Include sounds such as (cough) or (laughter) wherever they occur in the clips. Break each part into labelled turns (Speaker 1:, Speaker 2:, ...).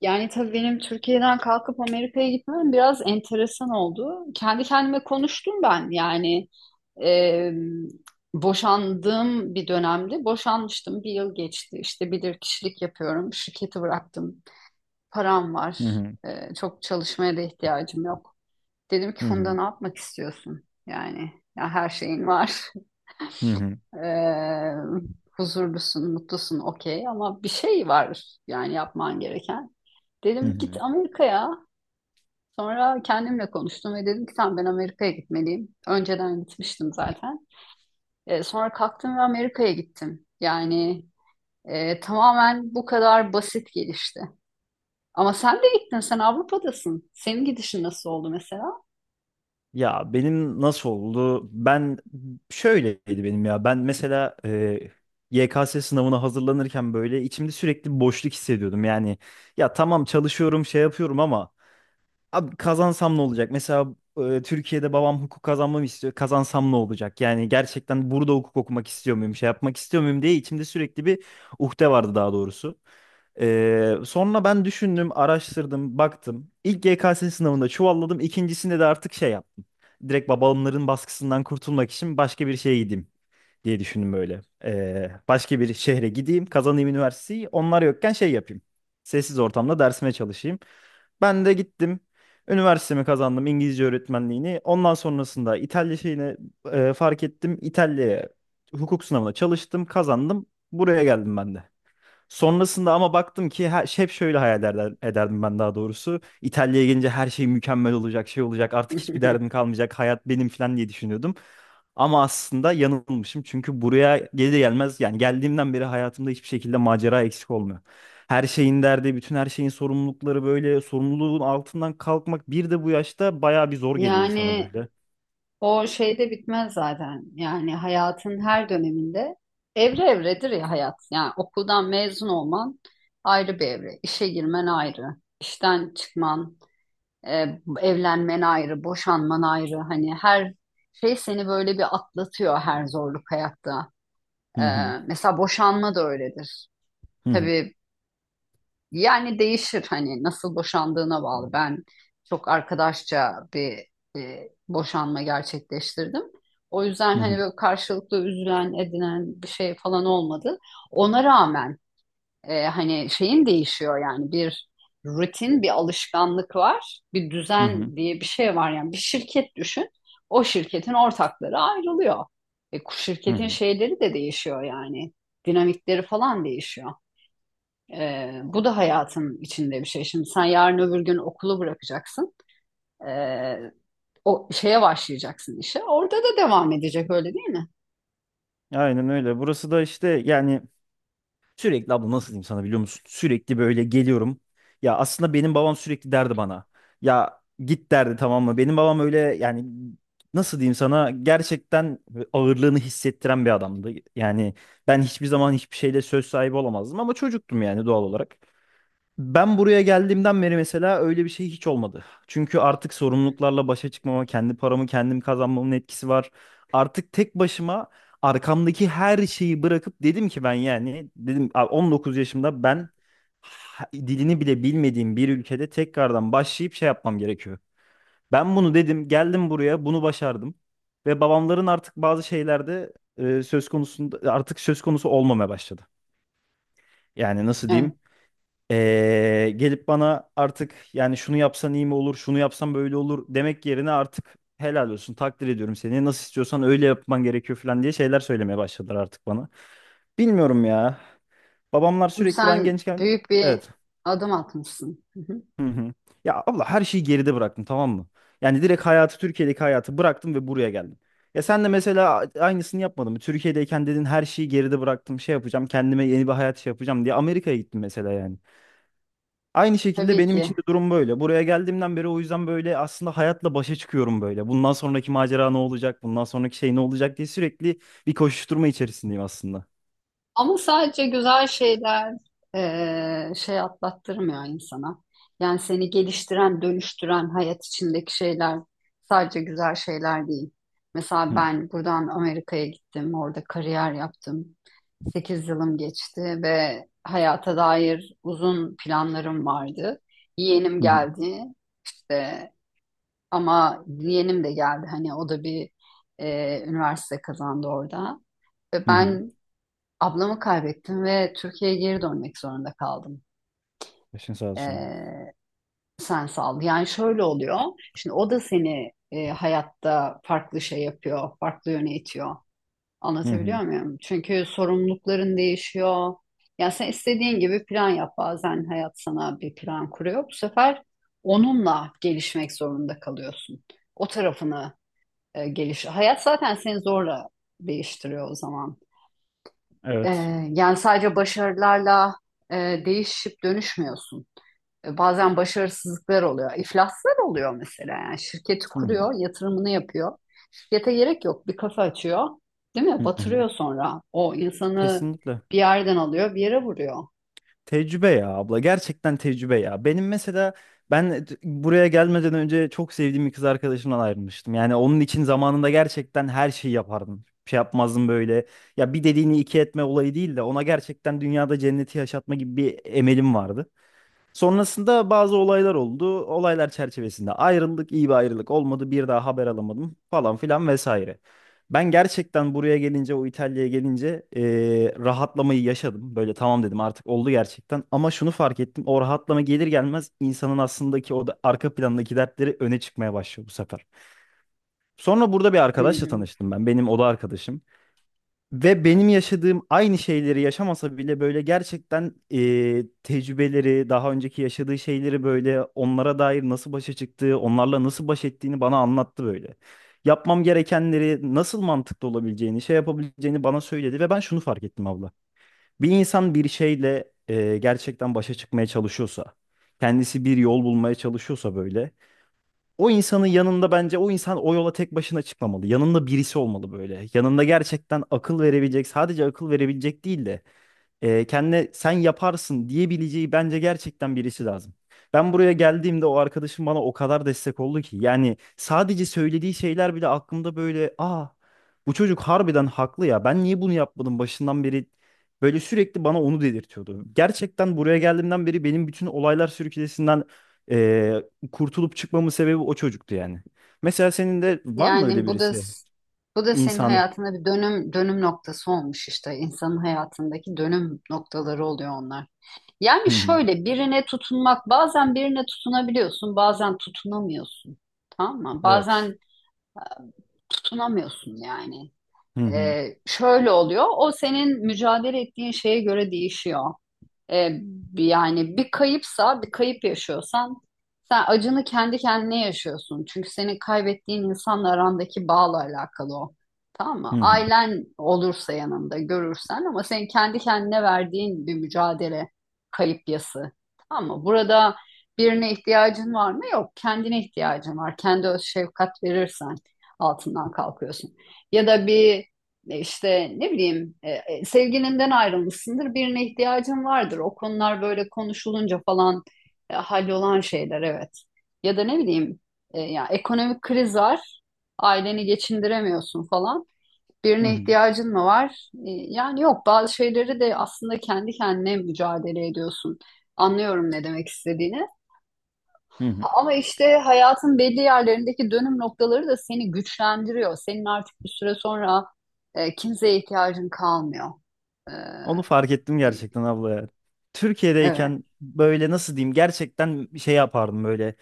Speaker 1: Yani tabii benim Türkiye'den kalkıp Amerika'ya gitmem biraz enteresan oldu. Kendi kendime konuştum ben, yani e, boşandığım bir dönemde boşanmıştım. Bir yıl geçti, işte bilirkişilik yapıyorum, şirketi bıraktım, param
Speaker 2: Hı
Speaker 1: var,
Speaker 2: hı,
Speaker 1: Çok çalışmaya da ihtiyacım yok. Dedim ki,
Speaker 2: hı
Speaker 1: Funda,
Speaker 2: hı,
Speaker 1: ne yapmak istiyorsun, yani? Ya, her şeyin var. (laughs)
Speaker 2: hı hı,
Speaker 1: E, huzurlusun, mutlusun, okey, ama bir şey var yani, yapman gereken.
Speaker 2: hı
Speaker 1: Dedim, git
Speaker 2: hı.
Speaker 1: Amerika'ya. Sonra kendimle konuştum ve dedim ki, tamam, ben Amerika'ya gitmeliyim. Önceden gitmiştim zaten. Sonra kalktım ve Amerika'ya gittim. Yani tamamen bu kadar basit gelişti. Ama sen de gittin, sen Avrupa'dasın. Senin gidişin nasıl oldu mesela?
Speaker 2: Ya benim nasıl oldu? Ben şöyleydi benim ya. Ben mesela YKS sınavına hazırlanırken böyle içimde sürekli bir boşluk hissediyordum. Yani ya tamam çalışıyorum, şey yapıyorum ama abi kazansam ne olacak? Mesela Türkiye'de babam hukuk kazanmamı istiyor. Kazansam ne olacak? Yani gerçekten burada hukuk okumak istiyor muyum, şey yapmak istiyor muyum diye içimde sürekli bir uhde vardı daha doğrusu. Sonra ben düşündüm, araştırdım, baktım. İlk GKS sınavında çuvalladım. İkincisinde de artık şey yap. Direkt babamların baskısından kurtulmak için başka bir şeye gideyim diye düşündüm böyle. Başka bir şehre gideyim, kazanayım üniversiteyi. Onlar yokken şey yapayım. Sessiz ortamda dersime çalışayım. Ben de gittim. Üniversitemi kazandım İngilizce öğretmenliğini. Ondan sonrasında İtalya şeyine fark ettim. İtalya'ya hukuk sınavına çalıştım, kazandım. Buraya geldim ben de. Sonrasında ama baktım ki her, hep şöyle hayal ederdim ben daha doğrusu. İtalya'ya gelince her şey mükemmel olacak, şey olacak, artık hiçbir derdim
Speaker 1: (laughs)
Speaker 2: kalmayacak, hayat benim falan diye düşünüyordum. Ama aslında yanılmışım çünkü buraya gelir gelmez yani geldiğimden beri hayatımda hiçbir şekilde macera eksik olmuyor. Her şeyin derdi, bütün her şeyin sorumlulukları böyle sorumluluğun altından kalkmak bir de bu yaşta bayağı bir zor geliyor insana
Speaker 1: Yani
Speaker 2: böyle.
Speaker 1: o şey de bitmez zaten. Yani hayatın her döneminde evre evredir ya, hayat. Yani okuldan mezun olman ayrı bir evre. İşe girmen ayrı. İşten çıkman, evlenmen ayrı, boşanman ayrı. Hani her şey seni böyle bir atlatıyor, her zorluk hayatta.
Speaker 2: Hı
Speaker 1: E,
Speaker 2: hı,
Speaker 1: mesela boşanma da öyledir.
Speaker 2: hı hı,
Speaker 1: Tabii, yani değişir, hani nasıl boşandığına bağlı. Ben çok arkadaşça bir boşanma gerçekleştirdim. O yüzden
Speaker 2: hı
Speaker 1: hani
Speaker 2: hı,
Speaker 1: böyle karşılıklı üzülen, edinen bir şey falan olmadı. Ona rağmen hani şeyin değişiyor yani, bir rutin, bir alışkanlık var, bir
Speaker 2: hı hı,
Speaker 1: düzen diye bir şey var, yani bir şirket düşün, o şirketin ortakları ayrılıyor. E,
Speaker 2: hı
Speaker 1: şirketin
Speaker 2: hı.
Speaker 1: şeyleri de değişiyor, yani dinamikleri falan değişiyor. Bu da hayatın içinde bir şey. Şimdi sen yarın öbür gün okulu bırakacaksın, e, o şeye başlayacaksın, işe, orada da devam edecek, öyle değil mi?
Speaker 2: Aynen öyle. Burası da işte yani sürekli abla nasıl diyeyim sana biliyor musun? Sürekli böyle geliyorum. Ya aslında benim babam sürekli derdi bana. Ya git derdi tamam mı? Benim babam öyle yani nasıl diyeyim sana gerçekten ağırlığını hissettiren bir adamdı. Yani ben hiçbir zaman hiçbir şeyle söz sahibi olamazdım ama çocuktum yani doğal olarak. Ben buraya geldiğimden beri mesela öyle bir şey hiç olmadı. Çünkü artık sorumluluklarla başa çıkmama, kendi paramı kendim kazanmamın etkisi var. Artık tek başıma arkamdaki her şeyi bırakıp dedim ki ben yani dedim "A, 19 yaşımda ben dilini bile bilmediğim bir ülkede tekrardan başlayıp şey yapmam gerekiyor. Ben bunu dedim, geldim buraya, bunu başardım ve babamların artık bazı şeylerde söz konusunda artık söz konusu olmamaya başladı. Yani nasıl
Speaker 1: Evet.
Speaker 2: diyeyim? Gelip bana artık yani şunu yapsan iyi mi olur, şunu yapsan böyle olur demek yerine artık helal olsun, takdir ediyorum seni. Nasıl istiyorsan öyle yapman gerekiyor falan diye şeyler söylemeye başladılar artık bana. Bilmiyorum ya. Babamlar
Speaker 1: Çünkü
Speaker 2: sürekli ben
Speaker 1: sen
Speaker 2: gençken,
Speaker 1: büyük bir
Speaker 2: evet.
Speaker 1: adım atmışsın. Hı hı.
Speaker 2: Hı hı. Ya abla her şeyi geride bıraktım tamam mı? Yani direkt hayatı Türkiye'deki hayatı bıraktım ve buraya geldim. Ya sen de mesela aynısını yapmadın mı? Türkiye'deyken dedin her şeyi geride bıraktım, şey yapacağım, kendime yeni bir hayat şey yapacağım diye Amerika'ya gittin mesela yani. Aynı şekilde
Speaker 1: Tabii
Speaker 2: benim
Speaker 1: ki.
Speaker 2: için de durum böyle. Buraya geldiğimden beri o yüzden böyle aslında hayatla başa çıkıyorum böyle. Bundan sonraki macera ne olacak? Bundan sonraki şey ne olacak diye sürekli bir koşuşturma içerisindeyim aslında.
Speaker 1: Ama sadece güzel şeyler şey atlattırmıyor insana. Yani seni geliştiren, dönüştüren hayat içindeki şeyler sadece güzel şeyler değil. Mesela
Speaker 2: Hı
Speaker 1: ben buradan Amerika'ya gittim, orada kariyer yaptım. 8 yılım geçti ve hayata dair uzun planlarım vardı. Yeğenim
Speaker 2: hı hı.
Speaker 1: geldi işte, ama yeğenim de geldi, hani o da bir üniversite kazandı orada. Ve
Speaker 2: Hı. Hı.
Speaker 1: ben ablamı kaybettim ve Türkiye'ye geri dönmek zorunda kaldım.
Speaker 2: Başın sağ olsun
Speaker 1: Ee, sen sağ. Yani şöyle oluyor. Şimdi o da seni hayatta farklı şey yapıyor, farklı yöne itiyor.
Speaker 2: abla. Hı
Speaker 1: Anlatabiliyor
Speaker 2: hı.
Speaker 1: muyum? Çünkü sorumlulukların değişiyor. Yani sen istediğin gibi plan yap. Bazen hayat sana bir plan kuruyor. Bu sefer onunla gelişmek zorunda kalıyorsun. O tarafını geliş. Hayat zaten seni zorla değiştiriyor o zaman. Ee,
Speaker 2: Evet.
Speaker 1: Yani sadece başarılarla değişip dönüşmüyorsun. Bazen başarısızlıklar oluyor, iflaslar oluyor mesela. Yani şirketi
Speaker 2: Hı hı
Speaker 1: kuruyor, yatırımını yapıyor. Şirkete gerek yok, bir kafa açıyor, değil mi?
Speaker 2: hı. Hı.
Speaker 1: Batırıyor sonra. O insanı
Speaker 2: Kesinlikle.
Speaker 1: bir yerden alıyor, bir yere vuruyor.
Speaker 2: Tecrübe ya abla. Gerçekten tecrübe ya. Benim mesela ben buraya gelmeden önce çok sevdiğim bir kız arkadaşımdan ayrılmıştım. Yani onun için zamanında gerçekten her şeyi yapardım. Bir şey yapmazdım böyle. Ya bir dediğini iki etme olayı değil de ona gerçekten dünyada cenneti yaşatma gibi bir emelim vardı. Sonrasında bazı olaylar oldu. Olaylar çerçevesinde ayrıldık, iyi bir ayrılık olmadı. Bir daha haber alamadım falan filan vesaire. Ben gerçekten buraya gelince, o İtalya'ya gelince rahatlamayı yaşadım. Böyle tamam dedim artık oldu gerçekten. Ama şunu fark ettim. O rahatlama gelir gelmez insanın aslındaki o da, arka plandaki dertleri öne çıkmaya başlıyor bu sefer. Sonra burada bir
Speaker 1: Hı,
Speaker 2: arkadaşla
Speaker 1: hı.
Speaker 2: tanıştım ben. Benim oda arkadaşım. Ve benim yaşadığım aynı şeyleri yaşamasa bile böyle gerçekten tecrübeleri, daha önceki yaşadığı şeyleri böyle onlara dair nasıl başa çıktığı, onlarla nasıl baş ettiğini bana anlattı böyle. Yapmam gerekenleri nasıl mantıklı olabileceğini, şey yapabileceğini bana söyledi ve ben şunu fark ettim abla. Bir insan bir şeyle gerçekten başa çıkmaya çalışıyorsa, kendisi bir yol bulmaya çalışıyorsa böyle o insanın yanında bence o insan o yola tek başına çıkmamalı. Yanında birisi olmalı böyle. Yanında gerçekten akıl verebilecek, sadece akıl verebilecek değil de kendine sen yaparsın diyebileceği bence gerçekten birisi lazım. Ben buraya geldiğimde o arkadaşım bana o kadar destek oldu ki. Yani sadece söylediği şeyler bile aklımda böyle aa bu çocuk harbiden haklı ya ben niye bunu yapmadım başından beri böyle sürekli bana onu dedirtiyordu. Gerçekten buraya geldiğimden beri benim bütün olaylar sürüklesinden e, kurtulup çıkmamın sebebi o çocuktu yani. Mesela senin de var mı öyle
Speaker 1: Yani bu da
Speaker 2: birisi?
Speaker 1: bu da senin
Speaker 2: İnsan.
Speaker 1: hayatında bir dönüm noktası olmuş, işte insanın hayatındaki dönüm noktaları oluyor onlar. Yani
Speaker 2: Hı hı.
Speaker 1: şöyle, birine tutunmak, bazen birine tutunabiliyorsun, bazen tutunamıyorsun, tamam mı?
Speaker 2: Evet.
Speaker 1: Bazen tutunamıyorsun yani.
Speaker 2: Hı hı.
Speaker 1: Şöyle oluyor, o senin mücadele ettiğin şeye göre değişiyor. E, Yani bir kayıpsa, bir kayıp yaşıyorsan, sen acını kendi kendine yaşıyorsun. Çünkü senin kaybettiğin insanla arandaki bağla alakalı o. Tamam
Speaker 2: Hı
Speaker 1: mı?
Speaker 2: hı.
Speaker 1: Ailen olursa, yanında görürsen, ama senin kendi kendine verdiğin bir mücadele, kayıp yası. Tamam mı? Burada birine ihtiyacın var mı? Yok. Kendine ihtiyacın var. Kendi öz şefkat verirsen altından kalkıyorsun. Ya da bir, işte ne bileyim, sevgilinden ayrılmışsındır, birine ihtiyacın vardır. O konular böyle konuşulunca falan hallolan şeyler, evet. Ya da ne bileyim, ya ekonomik kriz var, aileni geçindiremiyorsun falan.
Speaker 2: Hı
Speaker 1: Birine
Speaker 2: hı.
Speaker 1: ihtiyacın mı var? Yani yok, bazı şeyleri de aslında kendi kendine mücadele ediyorsun. Anlıyorum ne demek istediğini.
Speaker 2: Hı hı.
Speaker 1: Ama işte hayatın belli yerlerindeki dönüm noktaları da seni güçlendiriyor. Senin artık bir süre sonra kimseye ihtiyacın kalmıyor. E,
Speaker 2: Onu fark ettim gerçekten abla ya.
Speaker 1: evet.
Speaker 2: Türkiye'deyken böyle nasıl diyeyim gerçekten şey yapardım böyle.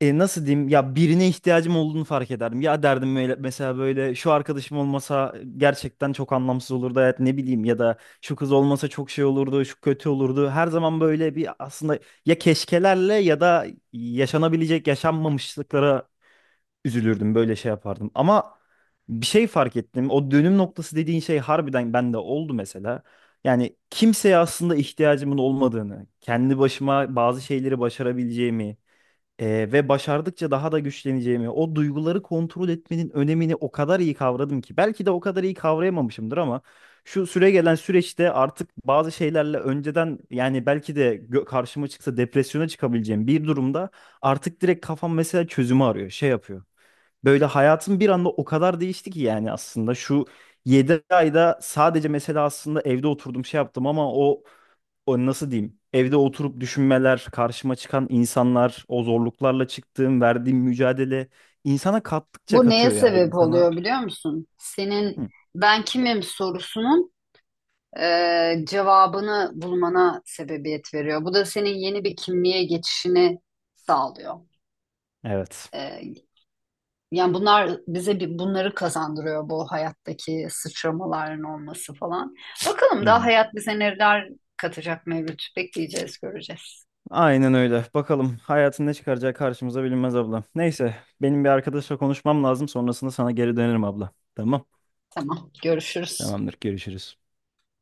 Speaker 2: Nasıl diyeyim ya birine ihtiyacım olduğunu fark ederdim. Ya derdim böyle, mesela böyle şu arkadaşım olmasa gerçekten çok anlamsız olurdu hayat ne bileyim ya da şu kız olmasa çok şey olurdu şu kötü olurdu. Her zaman böyle bir aslında ya keşkelerle ya da yaşanabilecek yaşanmamışlıklara üzülürdüm böyle şey yapardım. Ama bir şey fark ettim. O dönüm noktası dediğin şey harbiden bende oldu mesela. Yani kimseye aslında ihtiyacımın olmadığını, kendi başıma bazı şeyleri başarabileceğimi ve başardıkça daha da güçleneceğimi, o duyguları kontrol etmenin önemini o kadar iyi kavradım ki. Belki de o kadar iyi kavrayamamışımdır ama şu süre gelen süreçte artık bazı şeylerle önceden yani belki de karşıma çıksa depresyona çıkabileceğim bir durumda artık direkt kafam mesela çözümü arıyor, şey yapıyor. Böyle hayatım bir anda o kadar değişti ki yani aslında şu 7 ayda sadece mesela aslında evde oturdum şey yaptım ama o nasıl diyeyim evde oturup düşünmeler karşıma çıkan insanlar o zorluklarla çıktığım verdiğim mücadele insana kattıkça
Speaker 1: Bu neye
Speaker 2: katıyor ya
Speaker 1: sebep
Speaker 2: insana.
Speaker 1: oluyor, biliyor musun? Senin
Speaker 2: Hı,
Speaker 1: "ben kimim" sorusunun cevabını bulmana sebebiyet veriyor. Bu da senin yeni bir kimliğe geçişini sağlıyor.
Speaker 2: evet.
Speaker 1: E, Yani bunlar bize bunları kazandırıyor, bu hayattaki sıçramaların olması falan. Bakalım
Speaker 2: Hı
Speaker 1: daha
Speaker 2: hı.
Speaker 1: hayat bize neler katacak, Mevlüt. Bekleyeceğiz, göreceğiz.
Speaker 2: Aynen öyle. Bakalım hayatın ne çıkaracağı karşımıza bilinmez abla. Neyse benim bir arkadaşla konuşmam lazım sonrasında sana geri dönerim abla. Tamam.
Speaker 1: Tamam, görüşürüz.
Speaker 2: Tamamdır görüşürüz.